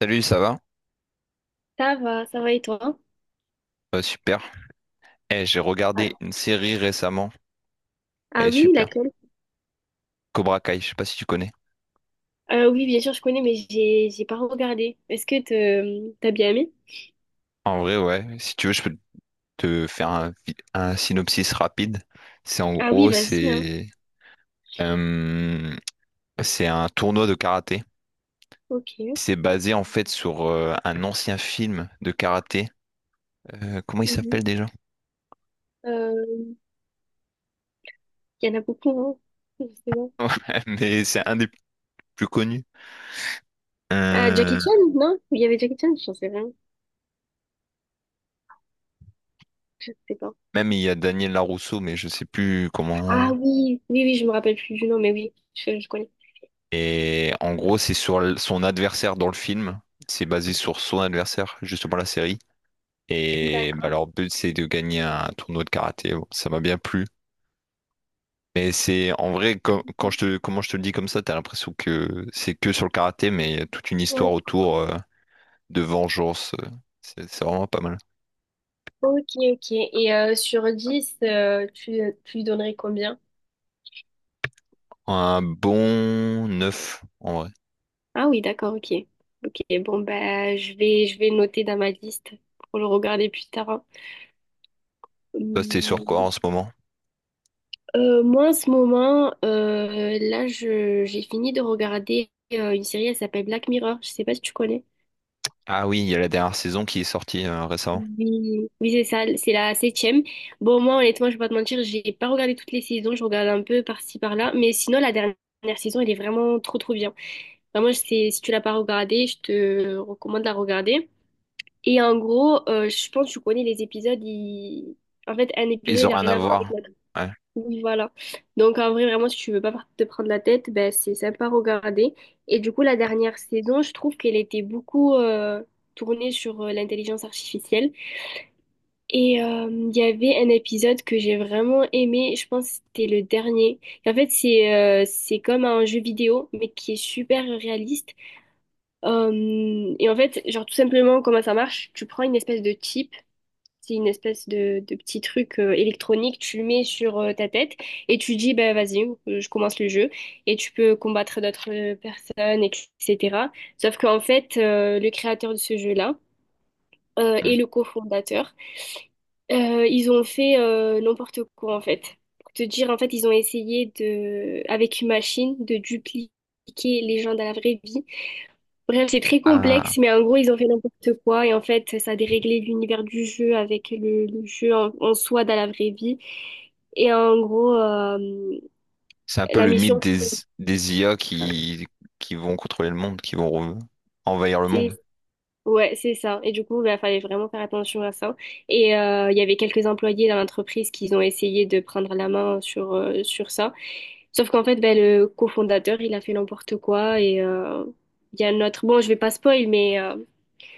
Salut, ça va? Ça va, ça va, et toi? Super. Eh, j'ai Ah, regardé une série récemment. Elle ah est oui, super. laquelle? Cobra Kai, je sais pas si tu connais. Oui, bien sûr, je connais, mais j'ai pas regardé. Est-ce que t'as bien aimé? En vrai, ouais. Si tu veux, je peux te faire un, un synopsis rapide. C'est en Ah oui, gros, vas-y, hein. c'est euh, c'est un tournoi de karaté. Ok. C'est basé en fait sur un ancien film de karaté. Comment il Mhm. s'appelle déjà? Euh, Il y en a beaucoup, hein. Je sais pas. Ouais, mais c'est un des plus connus. Ah, Jackie Euh, Chan, non? Il y avait Jackie Chan? Je sais rien. Je sais pas. Même il y a Daniel Larousseau, mais je sais plus Ah comment. oui, oui, oui, je me rappelle plus du nom, mais oui, je connais. Et en gros, c'est sur son adversaire dans le film. C'est basé sur son adversaire, justement la série. Et bah, D'accord. leur but, c'est de gagner un tournoi de karaté. Bon, ça m'a bien plu. Mais c'est en vrai, quand comment je te le dis comme ça, t'as l'impression que c'est que sur le karaté, mais il y a toute une Ouais. histoire autour de vengeance. C'est vraiment pas mal. Ok, ok. Et sur 10, tu lui donnerais combien? Un bon 9 en vrai. Ah oui, d'accord, ok. Ok, bon, bah, je vais noter dans ma liste pour le regarder plus tard, hein. Toi, t'es sur quoi Hum, en ce moment? Moi, en ce moment, j'ai fini de regarder une série, elle s'appelle Black Mirror. Je sais pas si tu connais. Ah oui, il y a la dernière saison qui est sortie récemment. Oui, oui, c'est ça, c'est la septième. Bon, moi, honnêtement, je vais pas te mentir, j'ai pas regardé toutes les saisons, je regarde un peu par-ci, par-là. Mais sinon, la dernière saison, elle est vraiment trop, trop bien. Vraiment, c'est, si tu l'as pas regardée, je te recommande de la regarder. Et en gros, je pense que tu connais les épisodes. En fait, un épisode, Ils ont il a rien rien à à voir avec voir. l'autre. Ouais. Oui, voilà. Donc, en vrai, vraiment, si tu veux pas te prendre la tête, ben, c'est sympa à regarder. Et du coup, la dernière saison, je trouve qu'elle était beaucoup tournée sur l'intelligence artificielle. Et il y avait un épisode que j'ai vraiment aimé. Je pense que c'était le dernier. En fait, c'est comme un jeu vidéo, mais qui est super réaliste. Et en fait, genre, tout simplement, comment ça marche? Tu prends une espèce de chip. C'est une espèce de petit truc électronique, tu le mets sur ta tête et tu dis, bah, vas-y, je commence le jeu et tu peux combattre d'autres personnes, etc. Sauf qu'en fait, le créateur de ce jeu-là et Hmm. le cofondateur, ils ont fait n'importe quoi en fait. Pour te dire, en fait, ils ont essayé de, avec une machine de dupliquer les gens dans la vraie vie. Bref, c'est très Ah. complexe, mais en gros, ils ont fait n'importe quoi. Et en fait, ça a déréglé l'univers du jeu avec le jeu en soi dans la vraie vie. Et en gros, C'est un peu la le mythe mission, des IA qui vont contrôler le monde, qui vont envahir le monde. c'est ouais, c'est ça. Et du coup, il fallait vraiment faire attention à ça. Et il y avait quelques employés dans l'entreprise qui ont essayé de prendre la main sur, sur ça. Sauf qu'en fait, ben, le cofondateur, il a fait n'importe quoi. Et il y a un autre... Bon, je vais pas spoil, mais...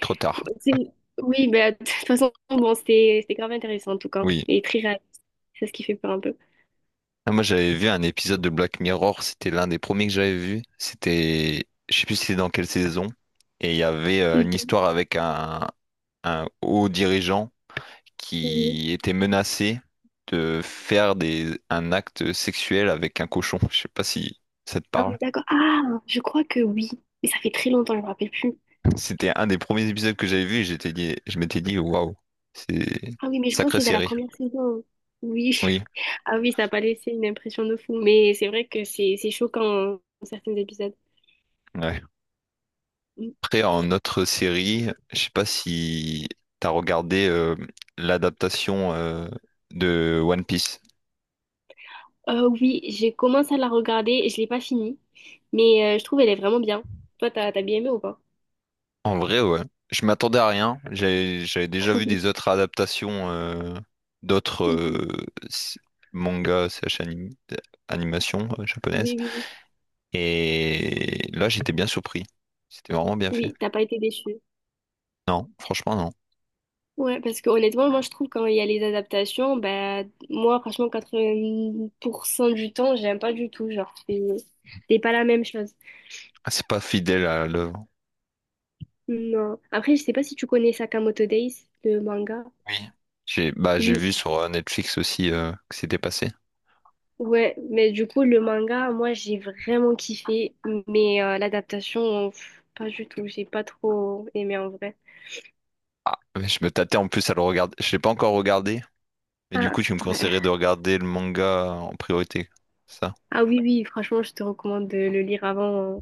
Trop tard. C'est- Oui, bah, de toute façon, bon, c'était grave intéressant en tout cas, Oui. et très réaliste. C'est ce qui fait peur un peu. Ah, moi, j'avais vu un épisode de Black Mirror, c'était l'un des premiers que j'avais vu. C'était, je sais plus c'était dans quelle saison. Et il y avait une Mhm. histoire avec un haut dirigeant Mhm. qui était menacé de faire un acte sexuel avec un cochon. Je sais pas si ça te Ah oui, parle. d'accord. Ah, je crois que oui, mais ça fait très longtemps, je me rappelle plus. C'était un des premiers épisodes que j'avais vu et je m'étais dit, waouh, c'est Ah oui, mais je crois que sacrée c'est dans la série. première saison. Oui. Oui, Ah oui, ça n'a pas laissé une impression de fou, mais c'est vrai que c'est choquant hein, dans certains épisodes. ouais. Mm. Après, en autre série, je sais pas si t'as regardé l'adaptation de One Piece. Oui, j'ai commencé à la regarder, et je l'ai pas finie, mais je trouve elle est vraiment bien. Toi, t'as bien aimé ou pas? En vrai, ouais. Je m'attendais à rien. J'avais déjà vu Oui. des autres adaptations d'autres Mhm. Mangas, slash animations japonaises. Oui, oui, oui. Et là, j'étais bien surpris. C'était vraiment bien fait. Oui, t'as pas été déçue. Non, franchement, non. Ouais, parce que honnêtement, moi je trouve quand il y a les adaptations, bah moi franchement 80% du temps, j'aime pas du tout, genre c'est pas la même chose. Ah, c'est pas fidèle à l'œuvre. Non. Après, je sais pas si tu connais Sakamoto Days, le manga. Oui. J'ai bah, j'ai Oui. vu sur Netflix aussi que c'était passé. Ouais, mais du coup le manga, moi j'ai vraiment kiffé, mais l'adaptation, pff, pas du tout, j'ai pas trop aimé en vrai. Ah, mais je me tâtais en plus à le regarder. Je l'ai pas encore regardé, mais du coup, Ah, tu me conseillerais de bah, regarder le manga en priorité. Ça. ah oui, oui, franchement, je te recommande de le lire avant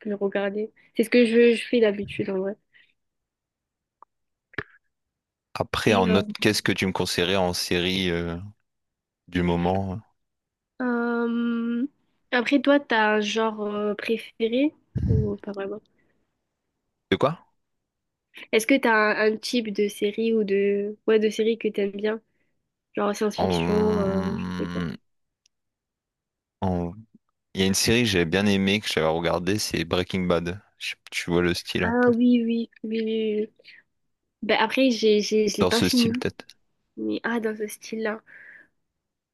que de le regarder. C'est ce que je fais d'habitude en vrai. Après, Et en autre, qu'est-ce que tu me conseillerais en série du moment? Euh, Après, toi, t'as un genre préféré ou pas vraiment? De quoi? Est-ce que un type de série ou de ouais de série que t'aimes bien? Genre science-fiction, je sais pas. En... en- Il y a une série que j'avais bien aimée, que j'avais regardée, c'est Breaking Bad. Tu vois le style un Ah peu. oui, oui, oui, oui, oui. Ben après, je l'ai Dans pas ce style, fini. peut-être. Mais ah, dans ce style-là.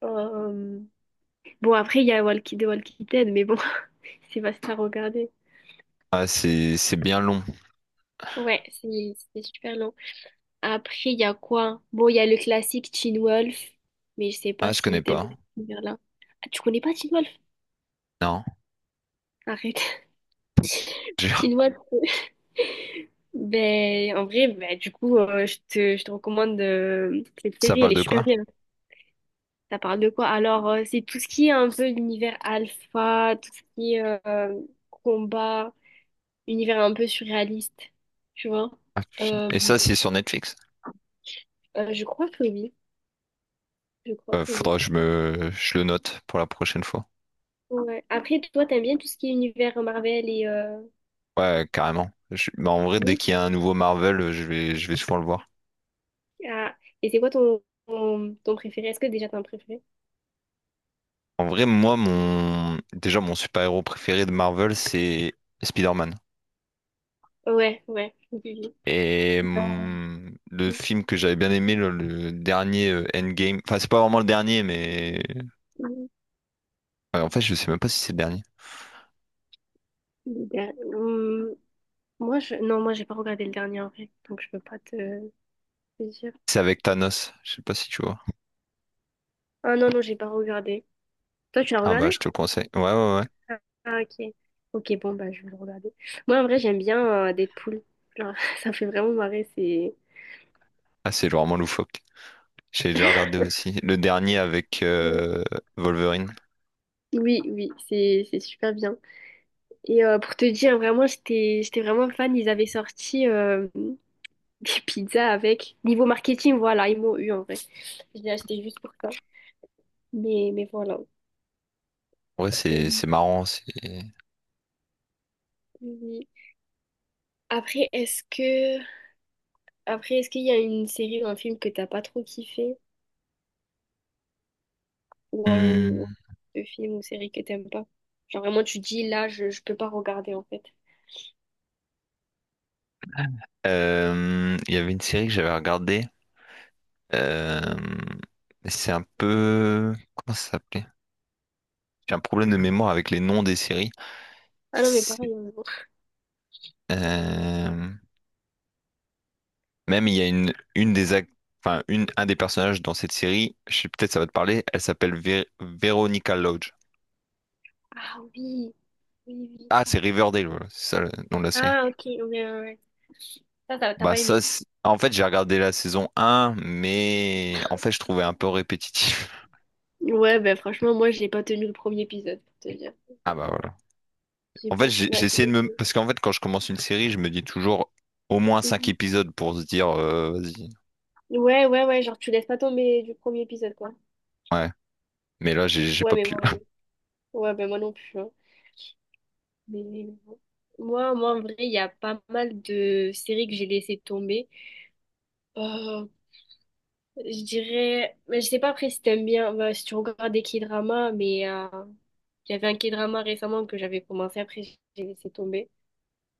Euh, Bon, après, il y a Walkie, The Walking Dead, mais bon, c'est vaste à regarder. Ah, c'est bien long. Ouais, c'est super long. Après, il y a quoi? Bon, il y a le classique Teen Wolf, mais je sais pas Ah, je connais si t'aimes bien pas. cet univers-là. Ah, tu connais pas Teen Wolf? Non. Arrête. J'ai- Teen Wolf. Ben, en vrai, ben, du coup, je te recommande cette Ça série, elle parle est de super quoi? bien. Ça parle de quoi? Alors, c'est tout ce qui est un peu l'univers alpha, tout ce qui est euh, combat, univers un peu surréaliste, tu vois? Ah, putain. Euh, Et ça, c'est sur Netflix. Je crois que oui, je crois que oui. Faudra que je le note pour la prochaine fois. Ouais. Après, toi, t'aimes bien tout ce qui est univers Marvel et euh. Ouais, carrément. Bah, en vrai, dès Oui. qu'il y a un nouveau Marvel, je vais souvent le voir. Ah. Et c'est quoi ton préféré? Est-ce que déjà t'as un préféré? En vrai, déjà, mon super-héros préféré de Marvel, c'est Spider-Man. Ouais, ouais. Oui, oui. Et le film que j'avais bien aimé, le dernier Endgame, enfin, c'est pas vraiment le dernier, mais... Hum, ouais, en fait, je sais même pas si c'est le dernier. le der- hum, Moi, je... Non, moi, j'ai pas regardé le dernier en vrai, donc je peux pas te dire. C'est avec Thanos, je sais pas si tu vois. Ah non, non, j'ai pas regardé. Toi, tu l'as Ah bah, je regardé? te le conseille. Ouais, ouais, ouais. Ah, ok. Ok, bon, bah, je vais le regarder. Moi, en vrai, j'aime bien Deadpool. Genre, ça fait vraiment marrer, c'est... Ah, c'est vraiment loufoque. J'ai déjà regardé aussi. Le dernier avec Ouais. Wolverine. Oui, oui, c'est super bien. Et pour te dire, vraiment, j'étais vraiment fan. Ils avaient sorti... des pizzas avec. Niveau marketing, voilà, ils m'ont eu en vrai. Je l'ai acheté juste pour ça. Mais voilà. Ouais, Euh, c'est marrant, c'est... oui. Après, est-ce que après, est-ce qu'il y a une série ou un film que t'as pas trop kiffé? Ou Hmm. un film ou série que t'aimes pas? Genre vraiment tu dis là je peux pas regarder en fait. Il y avait une série que j'avais regardée. euh, c'est un peu... Comment ça s'appelait? J'ai un problème de mémoire avec les noms des séries. Ah non mais C'est- pareil, hein. euh, Même il y a une enfin, un des personnages dans cette série, je sais peut-être ça va te parler, elle s'appelle Veronica Lodge. Ah oui, oui, oui. Ah, c'est Riverdale, voilà, c'est ça le nom de la série. Ah ok, ouais, ouais, ouais. Ça, t'as Bah pas ça, aimé. En fait, j'ai regardé la saison un, mais en fait, je trouvais un peu répétitif. Ouais, ben franchement, moi, j'ai pas tenu le premier épisode, pour te dire. Ah J'ai bah voilà. En fait, j'ai J'ai essayé de me... pas... Parce qu'en fait, quand je commence une série, je me dis toujours au moins Ouais. cinq épisodes pour se dire, vas-y. Ouais, ouais, ouais, genre tu laisses pas tomber du premier épisode, quoi. Ouais. Mais là, j'ai Ouais, pas mais pu. bon, ouais, ben moi non plus, hein. Mais bon. Moi, en vrai, il y a pas mal de séries que j'ai laissées tomber. Euh, je dirais, mais je sais pas après si t'aimes bien, bah, si tu regardes des K-dramas, mais il y avait un K-drama récemment que j'avais commencé, après j'ai laissé tomber.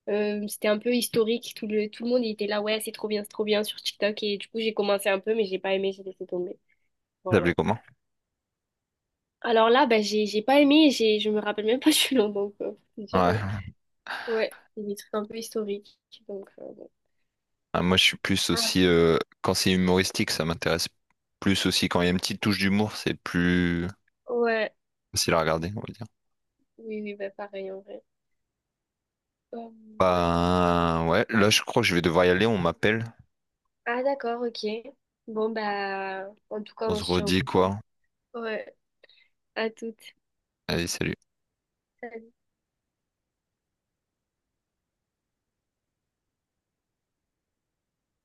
C'était un peu historique, tout tout le monde il était là, ouais, c'est trop bien sur TikTok, et du coup j'ai commencé un peu, mais j'ai pas aimé, j'ai laissé tomber. Vous Voilà. appelez comment? Alors là, bah, j'ai pas aimé, j'ai je me rappelle même pas du nom, donc faut dire, Ouais. ouais, c'est des trucs un peu historiques, donc bon. Ah, moi, je suis plus Ah. aussi... quand c'est humoristique, ça m'intéresse plus aussi. Quand il y a une petite touche d'humour, c'est plus Ouais, facile à regarder, on va dire. oui, oui, bah pareil en vrai. Euh, ouais. Ben, ouais. Là, je crois que je vais devoir y aller. On m'appelle. Ah d'accord, ok. Bon bah, en tout cas, On on se se tient au redit courant. quoi? Ouais, à toutes. Allez, salut. Salut.